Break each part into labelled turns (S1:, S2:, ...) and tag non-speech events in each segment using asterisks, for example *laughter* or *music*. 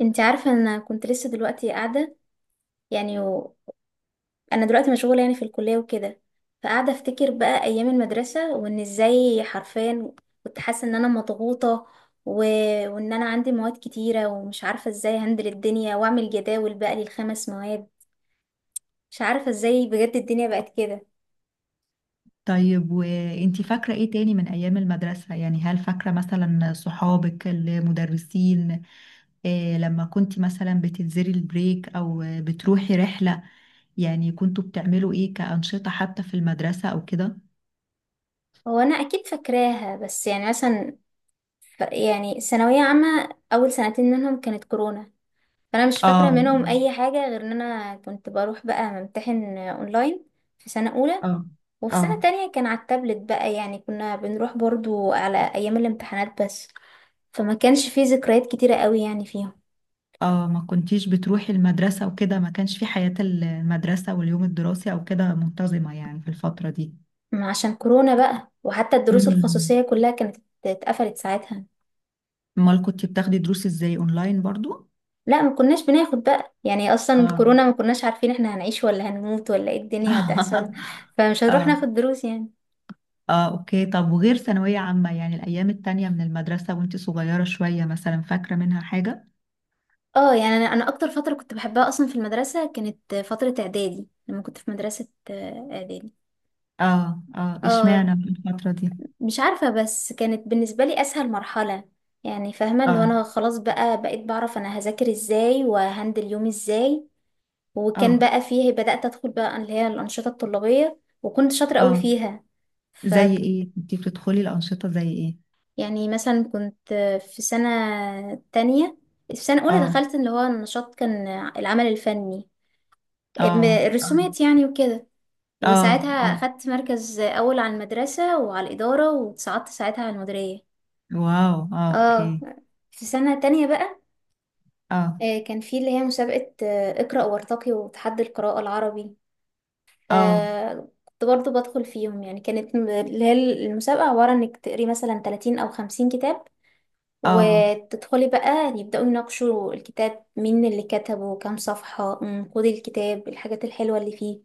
S1: انت عارفة انا كنت لسه دلوقتي قاعدة يعني انا دلوقتي مشغولة يعني في الكلية وكده، فقاعدة افتكر بقى ايام المدرسة، وان ازاي حرفيا كنت حاسة ان انا مضغوطة و... وان انا عندي مواد كتيرة ومش عارفة ازاي هندل الدنيا واعمل جداول بقى للخمس مواد. مش عارفة ازاي بجد الدنيا بقت كده.
S2: طيب، وانتي فاكرة ايه تاني من ايام المدرسة؟ هل فاكرة مثلا صحابك المدرسين؟ إيه لما كنتي مثلا بتنزلي البريك او بتروحي رحلة؟ يعني كنتوا بتعملوا ايه كأنشطة حتى في المدرسة او كده؟
S1: هو انا اكيد فاكراها، بس يعني مثلا يعني ثانوية عامة اول سنتين منهم كانت كورونا، فانا مش فاكره
S2: اه،
S1: منهم اي حاجه غير ان انا كنت بروح بقى ممتحن اونلاين في سنه اولى،
S2: اه،
S1: وفي سنه
S2: اه،
S1: تانية كان على التابلت بقى، يعني كنا بنروح برضو على ايام الامتحانات بس. فما كانش فيه ذكريات كتيره قوي يعني فيهم.
S2: اه. ما كنتيش بتروحي المدرسة وكده؟ ما كانش في حياة المدرسة واليوم الدراسي او كده منتظمة يعني في الفترة دي؟
S1: ما عشان كورونا بقى، وحتى الدروس
S2: امم.
S1: الخصوصيه كلها كانت اتقفلت ساعتها.
S2: امال كنتي بتاخدي دروس ازاي اونلاين برضو؟
S1: لا، ما كناش بناخد بقى، يعني اصلا
S2: اه.
S1: كورونا ما كناش عارفين احنا هنعيش ولا هنموت ولا ايه الدنيا هتحصل،
S2: *laughs*
S1: فمش هنروح
S2: اه،
S1: ناخد دروس يعني.
S2: اه، اوكي. طب وغير ثانوية عامة، يعني الأيام التانية من المدرسة وانت صغيرة شوية، مثلا فاكرة منها حاجة؟
S1: اه، يعني انا اكتر فتره كنت بحبها اصلا في المدرسه كانت فتره اعدادي، لما كنت في مدرسه اعدادي.
S2: اه، اه،
S1: اه،
S2: اشمعنى في الفترة دي؟
S1: مش عارفه، بس كانت بالنسبه لي اسهل مرحله، يعني فاهمه اللي هو
S2: اه،
S1: انا خلاص بقى بقيت بعرف انا هذاكر ازاي وهندل يومي ازاي. وكان
S2: اه،
S1: بقى فيه، بدات ادخل بقى اللي هي الانشطه الطلابيه وكنت شاطره قوي
S2: اه.
S1: فيها. ف
S2: زي ايه؟ انت بتدخلي الأنشطة زي ايه؟
S1: يعني مثلا كنت في سنه تانية في سنه اولى
S2: اه،
S1: دخلت اللي هو النشاط، كان العمل الفني،
S2: اه، اه،
S1: الرسومات يعني وكده،
S2: اه،
S1: وساعتها
S2: اه.
S1: أخدت مركز أول على المدرسة وعلى الإدارة، واتصعدت ساعتها على المديرية.
S2: واو، اه، اوكي.
S1: اه، في سنة تانية بقى
S2: اه،
S1: كان في اللي هي مسابقة اقرأ وارتقي، وتحدي القراءة العربي،
S2: اه،
S1: فكنت برضو بدخل فيهم، يعني كانت اللي هي المسابقة عبارة إنك تقري مثلا 30 أو 50 كتاب،
S2: اه،
S1: وتدخلي بقى يبدأوا يناقشوا الكتاب، مين اللي كتبه، كام صفحة، نقود الكتاب، الحاجات الحلوة اللي فيه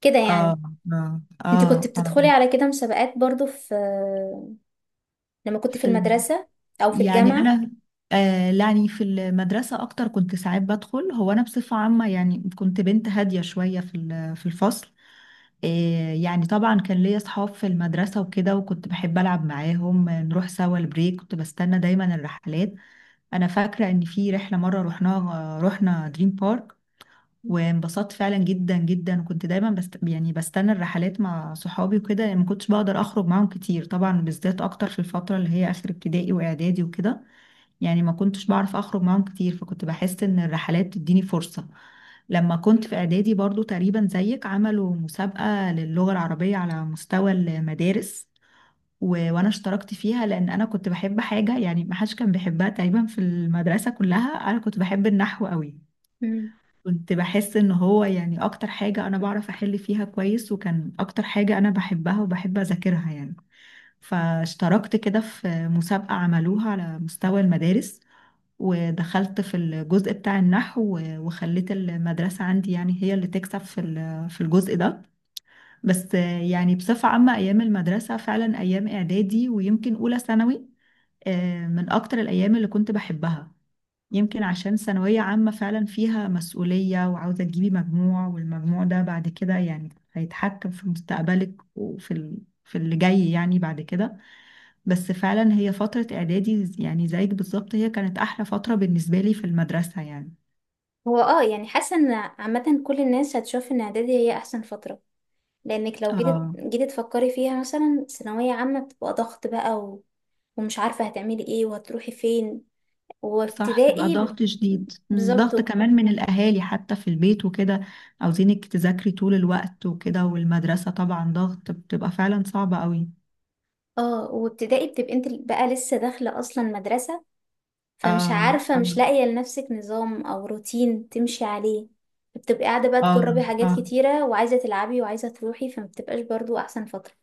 S1: كده يعني.
S2: اه، اه،
S1: انت كنت
S2: اه، اه.
S1: بتدخلي على كده مسابقات برضو لما كنت في
S2: في ال-
S1: المدرسة أو في
S2: يعني
S1: الجامعة؟
S2: انا، آه، يعني في المدرسه اكتر كنت ساعات بدخل. هو انا بصفه عامه يعني كنت بنت هاديه شويه في الفصل. آه، يعني طبعا كان ليا اصحاب في المدرسه وكده، وكنت بحب العب معاهم. آه، نروح سوا البريك، كنت بستنى دايما الرحلات. انا فاكره ان في رحله مره رحناها، رحنا دريم بارك وانبسطت فعلا جدا جدا. وكنت دايما بستنى الرحلات مع صحابي وكده، لأن ما كنتش بقدر اخرج معاهم كتير، طبعا بالذات اكتر في الفتره اللي هي اخر ابتدائي واعدادي وكده. يعني ما كنتش بعرف اخرج معاهم كتير، فكنت بحس ان الرحلات بتديني فرصة. لما كنت في اعدادي برضو تقريبا زيك، عملوا مسابقة للغة العربية على مستوى المدارس، و... وانا اشتركت فيها، لان انا كنت بحب حاجة يعني ما حدش كان بيحبها تقريبا في المدرسة كلها. انا كنت بحب النحو قوي،
S1: مم.
S2: كنت بحس ان هو يعني اكتر حاجة انا بعرف احل فيها كويس، وكان اكتر حاجة انا بحبها وبحب اذاكرها يعني. فاشتركت كده في مسابقة عملوها على مستوى المدارس، ودخلت في الجزء بتاع النحو وخليت المدرسة عندي يعني هي اللي تكسب في الجزء ده. بس آه، يعني بصفة عامة أيام المدرسة فعلا أيام إعدادي ويمكن أولى ثانوي، آه، من أكتر الأيام اللي كنت بحبها. يمكن عشان ثانوية عامة فعلا فيها مسؤولية، وعاوزة تجيبي مجموع، والمجموع ده بعد كده يعني هيتحكم في مستقبلك في اللي جاي يعني بعد كده. بس فعلا هي فترة إعدادي يعني زيك بالظبط، هي كانت أحلى فترة بالنسبة لي في المدرسة يعني.
S1: هو يعني حاسة ان عامة كل الناس هتشوف ان اعدادي هي احسن فترة، لانك لو جيت
S2: اه،
S1: جيت تفكري فيها، مثلا ثانوية عامة بتبقى ضغط بقى ومش عارفة هتعملي ايه وهتروحي فين،
S2: صح، بيبقى
S1: وابتدائي
S2: ضغط شديد. مم، ضغط
S1: بالظبط.
S2: كمان من الأهالي حتى في البيت وكده، عاوزينك تذاكري طول الوقت وكده. والمدرسة طبعا ضغط، بتبقى فعلا صعبة قوي.
S1: اه، وابتدائي بتبقي انت بقى لسه داخلة اصلا مدرسة، فمش
S2: اه،
S1: عارفة،
S2: اه،
S1: مش لاقية لنفسك نظام او روتين تمشي عليه، بتبقي قاعدة بقى
S2: اه،
S1: تجربي حاجات
S2: آه.
S1: كتيرة وعايزة تلعبي وعايزة تروحي، فمبتبقاش برضو احسن فترة.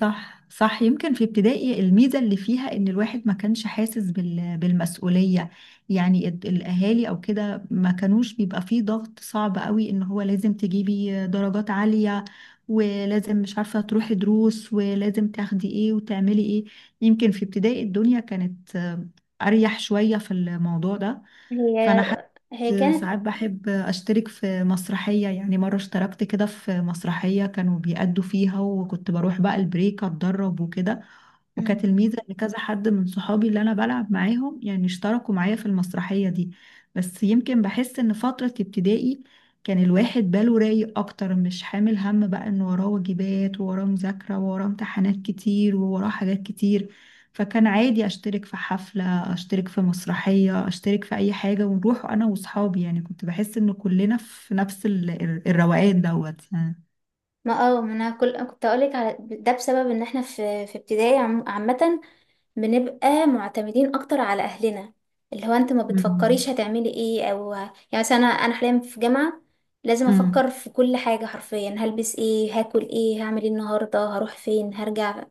S2: صح، صح. يمكن في ابتدائي الميزة اللي فيها ان الواحد ما كانش حاسس بالمسؤولية. يعني الاهالي او كده ما كانوش بيبقى فيه ضغط صعب قوي ان هو لازم تجيبي درجات عالية، ولازم مش عارفة تروحي دروس، ولازم تاخدي ايه وتعملي ايه. يمكن في ابتدائي الدنيا كانت آه، اريح شوية في الموضوع ده.
S1: هي
S2: فانا
S1: هي كانت.
S2: ساعات بحب أشترك في مسرحية. يعني مرة اشتركت كده في مسرحية كانوا بيأدوا فيها، وكنت بروح بقى البريك أتدرب وكده.
S1: مم.
S2: وكانت الميزة إن كذا حد من صحابي اللي أنا بلعب معاهم يعني اشتركوا معايا في المسرحية دي. بس يمكن بحس إن فترة ابتدائي كان الواحد باله رايق أكتر، مش حامل هم بقى إن وراه واجبات، ووراه مذاكرة، ووراه امتحانات كتير، ووراه حاجات كتير. فكان عادي أشترك في حفلة، اشترك في مسرحية، اشترك في اي حاجة، ونروح انا واصحابي. يعني كنت بحس ان كلنا في نفس الروقان دوت يعني.
S1: ما اه ما انا كنت اقولك على ده بسبب ان احنا في ابتدائي عامة بنبقى معتمدين اكتر على اهلنا، اللي هو انت ما بتفكريش
S2: امم،
S1: هتعملي ايه او يعني مثلا انا حاليا في جامعة لازم
S2: امم.
S1: افكر في كل حاجة حرفيا، هلبس ايه، هاكل ايه، هعمل ايه النهاردة، هروح فين، هرجع.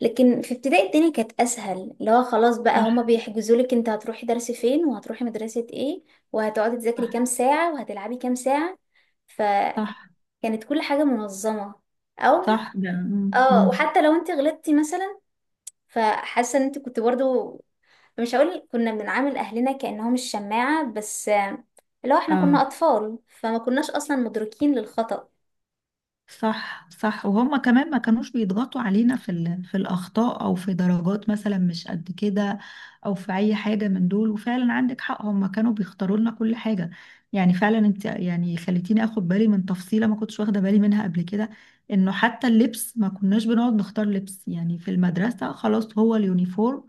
S1: لكن في ابتدائي الدنيا كانت اسهل، اللي هو خلاص بقى، هما
S2: صح،
S1: بيحجزوا لك انت هتروحي درس فين وهتروحي مدرسة ايه، وهتقعدي تذاكري
S2: صح،
S1: كام ساعة وهتلعبي كام ساعة. فكانت
S2: صح،
S1: كل حاجة منظمة. او
S2: صح ده.
S1: اه
S2: امم،
S1: وحتى لو انت غلطتي مثلا، فحاسة ان انت كنت برضو، مش هقول كنا بنعامل اهلنا كأنهم الشماعة، بس لو احنا كنا
S2: اه،
S1: اطفال فما كناش اصلا مدركين للخطأ.
S2: صح، صح. وهم كمان ما كانوش بيضغطوا علينا في الأخطاء أو في درجات مثلا مش قد كده، أو في أي حاجة من دول. وفعلا عندك حق، هم كانوا بيختاروا لنا كل حاجة. يعني فعلا انت يعني خليتيني اخد بالي من تفصيلة ما كنتش واخدة بالي منها قبل كده. انه حتى اللبس ما كناش بنقعد نختار لبس، يعني في المدرسة خلاص هو اليونيفورم.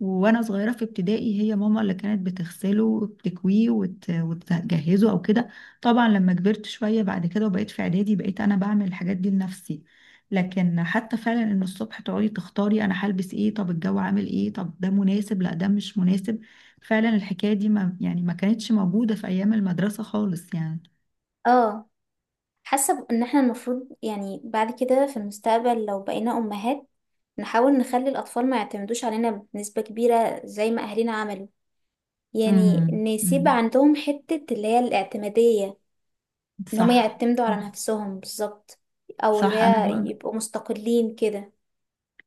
S2: وانا صغيرة في ابتدائي هي ماما اللي كانت بتغسله وبتكويه وتجهزه او كده. طبعا لما كبرت شوية بعد كده وبقيت في إعدادي، بقيت أنا بعمل الحاجات دي لنفسي. لكن حتى فعلا إن الصبح تقعدي تختاري أنا هلبس إيه، طب الجو عامل إيه، طب ده مناسب لا ده مش مناسب، فعلا الحكاية دي ما يعني ما كانتش موجودة في أيام المدرسة خالص يعني.
S1: اه، حاسة ان احنا المفروض يعني بعد كده في المستقبل لو بقينا امهات، نحاول نخلي الاطفال ما يعتمدوش علينا بنسبة كبيرة زي ما اهلنا عملوا، يعني
S2: امم.
S1: نسيب
S2: مم.
S1: عندهم حتة اللي هي الاعتمادية، ان هم
S2: صح،
S1: يعتمدوا على نفسهم بالظبط، او اللي
S2: صح.
S1: هي يبقوا مستقلين كده.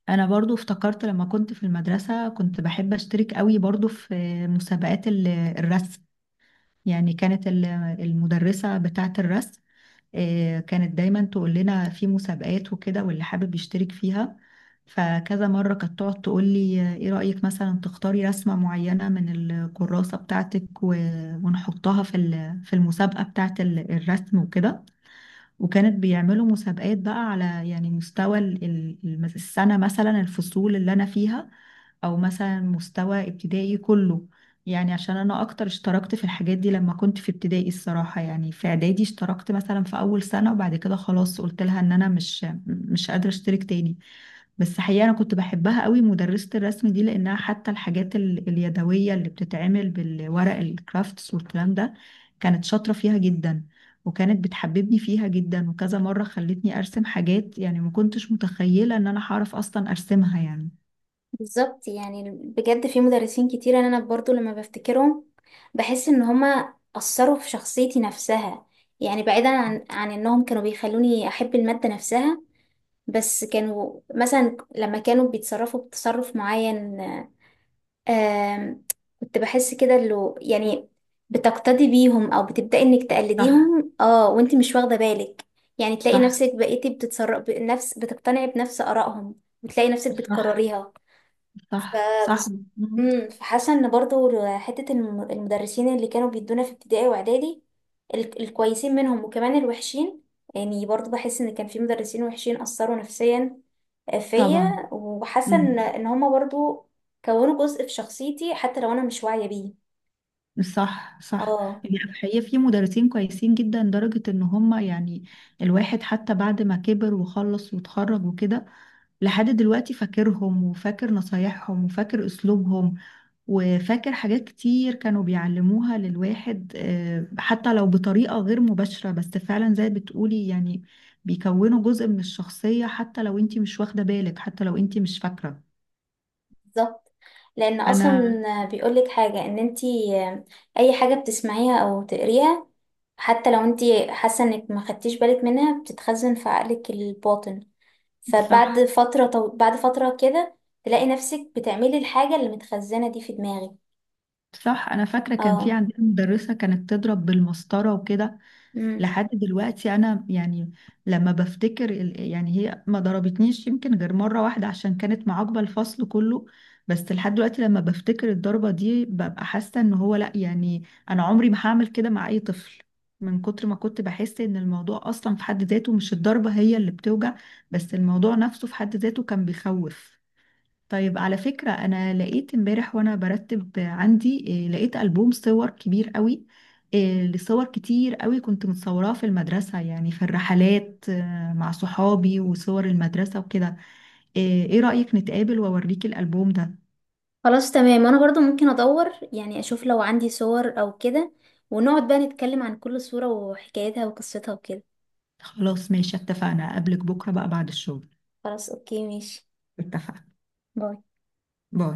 S2: انا برضو افتكرت لما كنت في المدرسه كنت بحب اشترك قوي برضو في مسابقات الرسم. يعني كانت المدرسه بتاعه الرسم، آه، كانت دايما تقول لنا في مسابقات وكده واللي حابب يشترك فيها. فكذا مرة كانت تقعد تقول لي، آه، ايه رأيك مثلا تختاري رسمة معينة من الكراسة بتاعتك ونحطها في المسابقة بتاعت الرسم وكده. وكانت بيعملوا مسابقات بقى على يعني مستوى السنة، مثلا الفصول اللي أنا فيها، او مثلا مستوى ابتدائي كله. يعني عشان انا اكتر اشتركت في الحاجات دي لما كنت في ابتدائي، الصراحة يعني في اعدادي اشتركت مثلا في اول سنة وبعد كده خلاص قلت لها ان انا مش قادرة اشترك تاني. بس حقيقة انا كنت بحبها قوي مدرسة الرسم دي، لانها حتى الحاجات اليدوية اللي بتتعمل بالورق، الكرافتس والكلام ده، كانت شاطرة فيها جدا. وكانت بتحببني فيها جدا، وكذا مرة خلتني ارسم حاجات يعني ما كنتش متخيلة ان انا هعرف اصلا ارسمها يعني.
S1: بالظبط، يعني بجد في مدرسين كتير انا برضو لما بفتكرهم بحس ان هما اثروا في شخصيتي نفسها، يعني بعيدا عن انهم كانوا بيخلوني احب المادة نفسها، بس كانوا مثلا لما كانوا بيتصرفوا بتصرف معين، آم، كنت بحس كده اللي يعني بتقتدي بيهم او بتبدأي انك
S2: صح،
S1: تقلديهم وانتي مش واخده بالك، يعني تلاقي
S2: صح،
S1: نفسك بقيتي بتتصرف بنفس، بتقتنعي بنفس آرائهم، وتلاقي نفسك
S2: صح،
S1: بتكرريها. ف
S2: صح، صح. مم.
S1: فحاسه ان برضو حته المدرسين اللي كانوا بيدونا في ابتدائي واعدادي، الكويسين منهم وكمان الوحشين، يعني برضو بحس ان كان في مدرسين وحشين اثروا نفسيا
S2: طبعا.
S1: فيا، وحاسه ان
S2: مم.
S1: ان هما برضو كونوا جزء في شخصيتي حتى لو انا مش واعيه بيه.
S2: صح، صح.
S1: اه،
S2: يعني الحقيقة في مدرسين كويسين جدا لدرجة ان هم يعني الواحد حتى بعد ما كبر وخلص واتخرج وكده، لحد دلوقتي فاكرهم، وفاكر نصايحهم، وفاكر اسلوبهم، وفاكر حاجات كتير كانوا بيعلموها للواحد، آه، حتى لو بطريقة غير مباشرة. بس فعلا زي بتقولي يعني، بيكونوا جزء من الشخصية حتى لو انتي مش واخدة بالك، حتى لو انتي مش فاكرة.
S1: بالظبط. لان
S2: انا
S1: اصلا بيقولك حاجه، ان انتي اي حاجه بتسمعيها او تقريها حتى لو انتي حاسه انك ما خدتيش بالك منها، بتتخزن في عقلك الباطن.
S2: صح،
S1: بعد فترة كده تلاقي نفسك بتعملي الحاجة اللي متخزنة دي في دماغك.
S2: صح. انا فاكره كان في
S1: اه،
S2: عندنا مدرسه كانت تضرب بالمسطره وكده.
S1: امم
S2: لحد دلوقتي انا يعني لما بفتكر يعني هي ما ضربتنيش يمكن غير مره واحده عشان كانت معاقبه الفصل كله. بس لحد دلوقتي لما بفتكر الضربه دي ببقى حاسه ان هو لا يعني، انا عمري ما هعمل كده مع اي طفل. من كتر ما كنت بحس ان الموضوع اصلا في حد ذاته، مش الضربه هي اللي بتوجع، بس الموضوع نفسه في حد ذاته كان بيخوف. طيب على فكرة، أنا لقيت امبارح وأنا برتب عندي، إيه، لقيت ألبوم صور كبير قوي. إيه، لصور كتير قوي كنت متصوراه في المدرسة، يعني في الرحلات، آه، مع صحابي وصور المدرسة وكده. إيه، إيه رأيك نتقابل وأوريك الألبوم ده؟
S1: خلاص تمام، انا برضو ممكن ادور يعني اشوف لو عندي صور او كده، ونقعد بقى نتكلم عن كل صورة وحكايتها وقصتها وكده.
S2: خلاص، ماشي، اتفقنا، أقابلك بكرة بقى بعد الشغل.
S1: خلاص، اوكي، ماشي.
S2: اتفقنا.
S1: باي.
S2: باي.